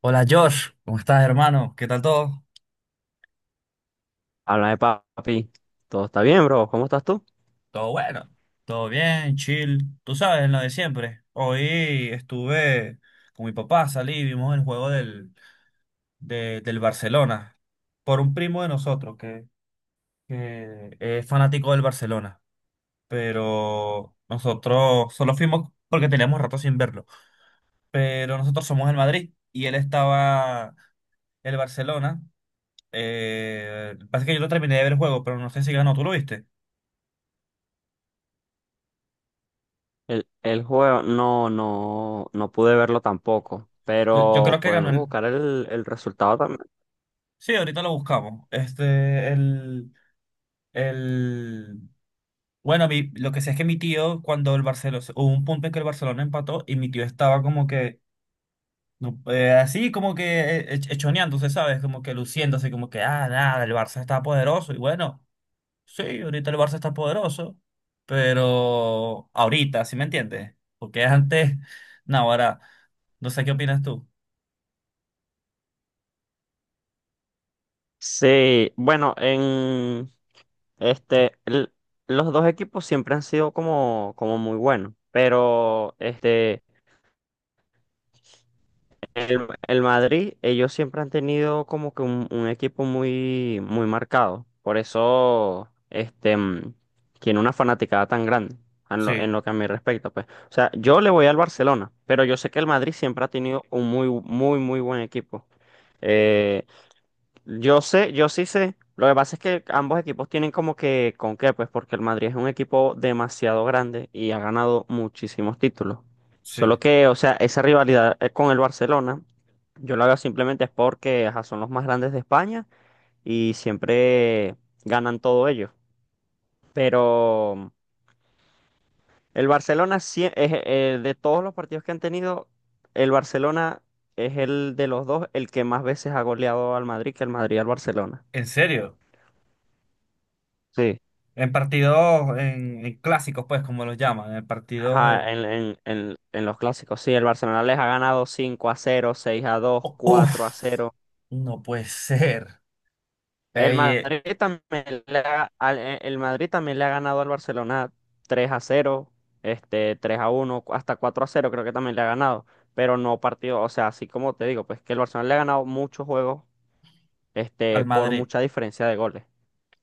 Hola Josh, ¿cómo estás hermano? ¿Qué tal todo? Háblame, papi. ¿Todo está bien, bro? ¿Cómo estás tú? Todo bueno, todo bien, chill. Tú sabes, lo de siempre. Hoy estuve con mi papá, salí, y vimos el juego del Barcelona por un primo de nosotros que es fanático del Barcelona. Pero nosotros solo fuimos porque teníamos rato sin verlo. Pero nosotros somos el Madrid y él estaba el Barcelona. Pasa que yo no terminé de ver el juego, pero no sé si ganó, ¿tú lo viste? El juego no, no, no pude verlo tampoco, Yo pero creo que ganó podemos el. buscar el resultado también. Sí, ahorita lo buscamos. Este, el, el. Bueno, lo que sé es que mi tío, cuando el Barcelona, hubo un punto en que el Barcelona empató y mi tío estaba como que, no, así como que echoneándose, ¿sabes? Como que luciéndose, como que, ah, nada, el Barça está poderoso. Y bueno, sí, ahorita el Barça está poderoso, pero ahorita, ¿sí me entiendes? Porque antes, no, ahora, no sé qué opinas tú. Sí, bueno, en este, los dos equipos siempre han sido como muy buenos, pero este, el Madrid, ellos siempre han tenido como que un equipo muy, muy marcado. Por eso, este, tiene una fanaticada tan grande en lo, Sí, en lo que a mí respecta, pues. O sea, yo le voy al Barcelona, pero yo sé que el Madrid siempre ha tenido un muy, muy, muy buen equipo. Eh, yo sé, yo sí sé. Lo que pasa es que ambos equipos tienen como que con qué, pues porque el Madrid es un equipo demasiado grande y ha ganado muchísimos títulos. sí. Solo que, o sea, esa rivalidad con el Barcelona, yo la veo simplemente es porque ajá, son los más grandes de España y siempre ganan todo ellos. Pero el Barcelona, es, de todos los partidos que han tenido, el Barcelona es el de los dos el que más veces ha goleado al Madrid que el Madrid al Barcelona. ¿En serio? Sí. En partidos, en clásicos, pues, como los llaman, en partidos de... Ajá, en los clásicos, sí, el Barcelona les ha ganado 5-0, 6-2, Oh, uf, 4-0. no puede ser. El Ey, Madrid también le ha, al- eh, el Madrid también le ha ganado al Barcelona 3-0, este, 3-1, hasta 4-0, creo que también le ha ganado, pero no partido, o sea, así como te digo, pues que el Barcelona le ha ganado muchos juegos, este, al por Madrid. mucha diferencia de goles.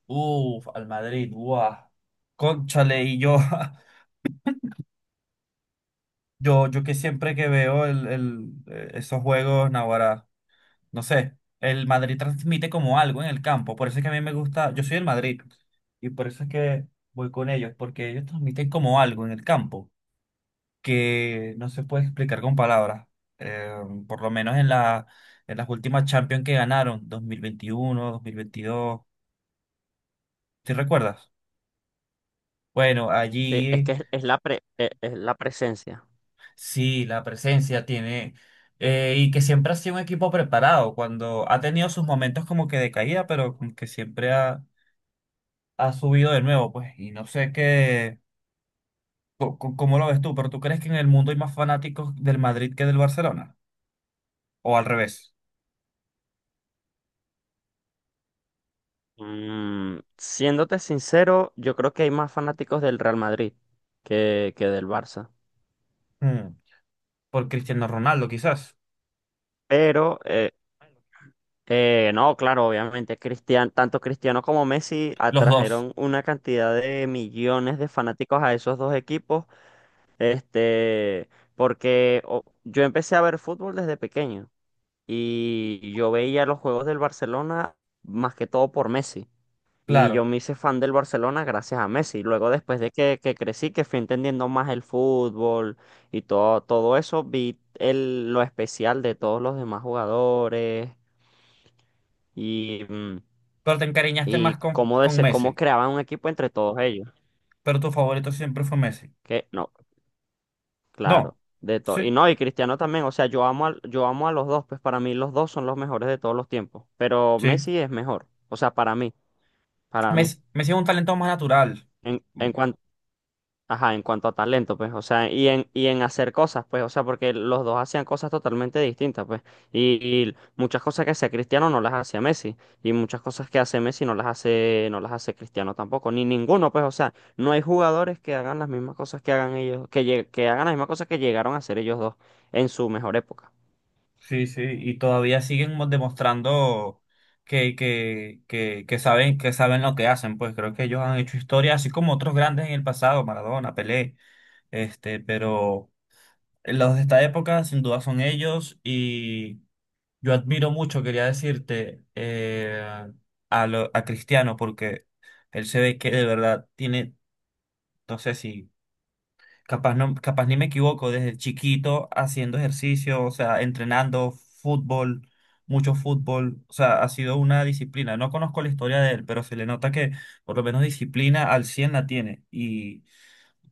Uf, al Madrid, guau. Cónchale, y yo, yo que siempre que veo el, esos juegos, naguará, no sé, el Madrid transmite como algo en el campo, por eso es que a mí me gusta, yo soy el Madrid, y por eso es que voy con ellos, porque ellos transmiten como algo en el campo, que no se puede explicar con palabras. Eh, por lo menos en las últimas Champions que ganaron, 2021, 2022, ¿sí recuerdas? Bueno, Sí, es allí que es, es la presencia. sí, la presencia tiene, y que siempre ha sido un equipo preparado, cuando ha tenido sus momentos como que de caída, pero como que siempre ha subido de nuevo, pues, y no sé qué, cómo lo ves tú, pero ¿tú crees que en el mundo hay más fanáticos del Madrid que del Barcelona? ¿O al revés? Siéndote sincero, yo creo que hay más fanáticos del Real Madrid que del Barça. Mm, Por Cristiano Ronaldo, quizás. Pero, no, claro, obviamente, tanto Cristiano como Messi Los dos, atrajeron una cantidad de millones de fanáticos a esos dos equipos, este, porque yo empecé a ver fútbol desde pequeño y yo veía los juegos del Barcelona más que todo por Messi. Y yo claro. me hice fan del Barcelona gracias a Messi. Luego, después de que crecí, que fui entendiendo más el fútbol y todo, todo eso, vi el, lo especial de todos los demás jugadores y, mm, Pero te encariñaste más y con, cómo, con dese- cómo Messi. creaban un equipo entre todos ellos. Pero tu favorito siempre fue Messi. Que no, No. claro, de todo. Y Sí, no, y Cristiano también. O sea, yo amo a los dos, pues para mí los dos son los mejores de todos los tiempos. Pero sí. Messi es mejor. O sea, para mí, para mí. Messi, Messi es un talento más natural. En, Mm, en cuanto. Ajá, en cuanto a talento, pues, o sea, y en hacer cosas, pues, o sea, porque los dos hacían cosas totalmente distintas, pues, y, y muchas cosas que hacía Cristiano no las hacía Messi, y muchas cosas que hace Messi no las hace Cristiano tampoco, ni ninguno, pues, o sea, no hay jugadores que hagan las mismas cosas que hagan ellos, que hagan las mismas cosas que llegaron a hacer ellos dos en su mejor época. sí, sí. Y todavía siguen demostrando que saben lo que hacen. Pues creo que ellos han hecho historia, así como otros grandes en el pasado, Maradona, Pelé. Este, pero los de esta época, sin duda, son ellos. Y yo admiro mucho, quería decirte, a Cristiano, porque él se ve que de verdad tiene, no sé si, capaz, no, capaz ni me equivoco, desde chiquito haciendo ejercicio, o sea, entrenando fútbol, mucho fútbol, o sea, ha sido una disciplina. No conozco la historia de él, pero se le nota que por lo menos disciplina al 100 la tiene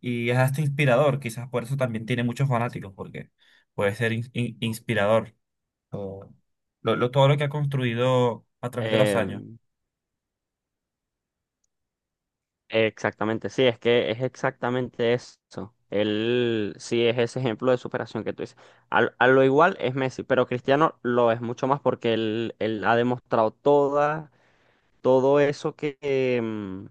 y es hasta inspirador, quizás por eso también tiene muchos fanáticos, porque puede ser inspirador o todo lo que ha construido a través de los años. Em, Exactamente, sí, es que es exactamente eso. Él sí es ese ejemplo de superación que tú dices. Lo igual es Messi, pero Cristiano lo es mucho más porque él ha demostrado toda, todo eso que,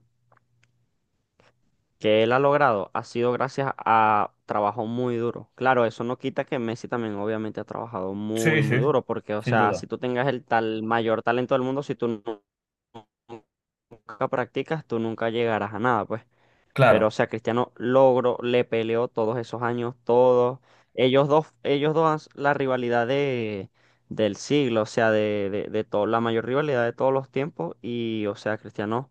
que él ha logrado ha sido gracias a trabajo muy duro. Claro, eso no quita que Messi también obviamente ha trabajado muy, Sí, sí, muy duro porque, o sin sea, si duda. tú tengas el tal mayor talento del mundo, si tú nunca practicas, tú nunca llegarás a nada, pues. Pero, Claro. o sea, Cristiano logró, le peleó todos esos años, todos. Ellos dos, la rivalidad del siglo, o sea, de todo, la mayor rivalidad de todos los tiempos. Y, o sea, Cristiano,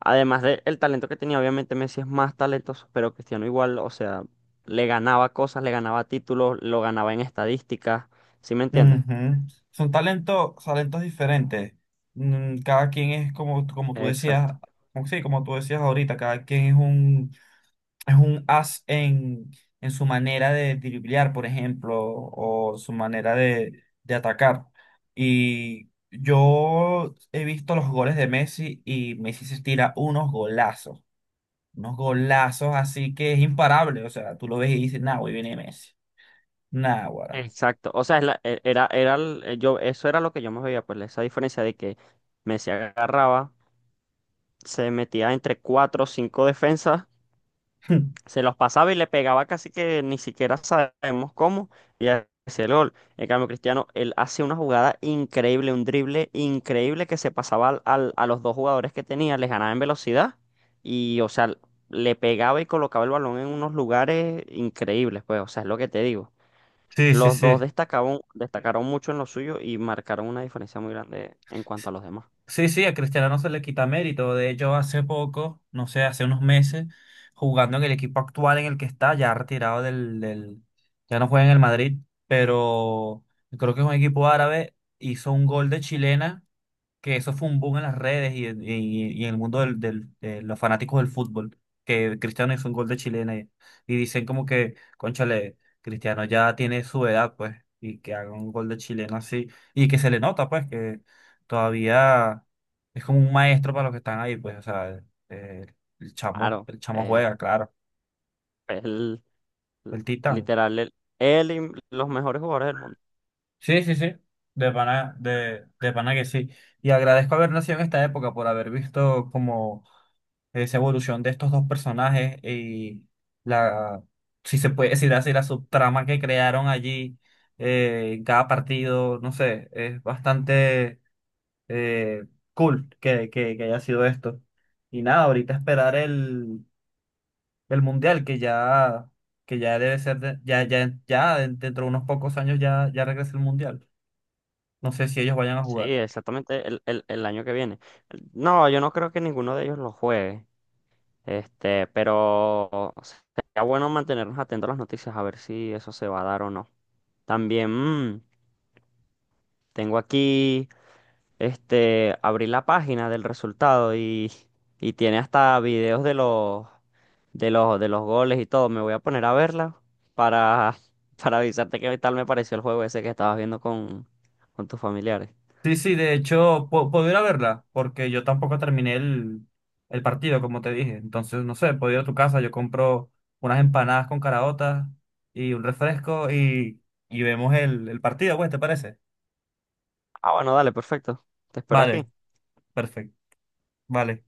además del talento que tenía, obviamente Messi es más talentoso, pero Cristiano igual, o sea, le ganaba cosas, le ganaba títulos, lo ganaba en estadísticas. ¿Sí me entiendes? Ujú. Son talentos, talentos diferentes. Cada quien es como tú decías, Exacto. como, sí, como tú decías ahorita, cada quien es un as en su manera de driblear, por ejemplo, o su manera de atacar. Y yo he visto los goles de Messi y Messi se tira unos golazos. Unos golazos así que es imparable. O sea, tú lo ves y dices, nah, hoy viene Messi. Nah, guará. Exacto, o sea, es la- e- era, era, el- yo, eso era lo que yo me veía, pues esa diferencia de que Messi agarraba, se metía entre cuatro o cinco defensas, se los pasaba y le pegaba casi que ni siquiera sabemos cómo, y hacía el gol. En cambio, Cristiano, él hace una jugada increíble, un drible increíble que se pasaba a los dos jugadores que tenía, les ganaba en velocidad y, o sea, le pegaba y colocaba el balón en unos lugares increíbles, pues, o sea, es lo que te digo. Sí, sí, Los dos sí. destacaron, destacaron mucho en lo suyo y marcaron una diferencia muy grande en cuanto a los demás. Sí, sí, a Cristiano no se le quita mérito. De hecho, hace poco, no sé, hace unos meses, jugando en el equipo actual en el que está, ya retirado ya no juega en el Madrid, pero creo que es un equipo árabe, hizo un gol de chilena que eso fue un boom en las redes y en el mundo de los fanáticos del fútbol, que Cristiano hizo un gol de chilena y dicen como que, cónchale, Cristiano ya tiene su edad, pues, y que haga un gol de chilena así, y que se le nota, pues, que todavía es como un maestro para los que están ahí, pues, o sea, eh, Claro, el chamo eh, juega, claro, es L- el titán. Literal, él y los mejores jugadores del mundo. Sí, sí, sí. De pana, de pana que sí. Y agradezco haber nacido en esta época por haber visto como esa evolución de estos dos personajes y la, si se puede decir así, la subtrama que crearon allí en cada partido, no sé, es bastante eh, cool que haya sido esto. Y nada, ahorita esperar el mundial que ya debe ser, ya dentro de unos pocos años ya regresa el mundial. No sé si ellos vayan a Sí, jugar. exactamente el año que viene. No, yo no creo que ninguno de ellos lo juegue. Este, pero sería bueno mantenernos atentos a las noticias, a ver si eso se va a dar o no. También tengo aquí. Este, abrí la página del resultado y tiene hasta videos de los, de los goles y todo. Me voy a poner a verla para, para avisarte qué tal me pareció el juego ese que estabas viendo con tus familiares. Sí, sí, de hecho, puedo ir a verla, porque yo tampoco terminé el partido, como te dije. Entonces, no sé, puedo ir a tu casa, yo compro unas empanadas con caraotas y un refresco y vemos el partido, pues, ¿te parece? Ah, bueno, dale, perfecto. Te espero Vale, aquí. perfecto, vale.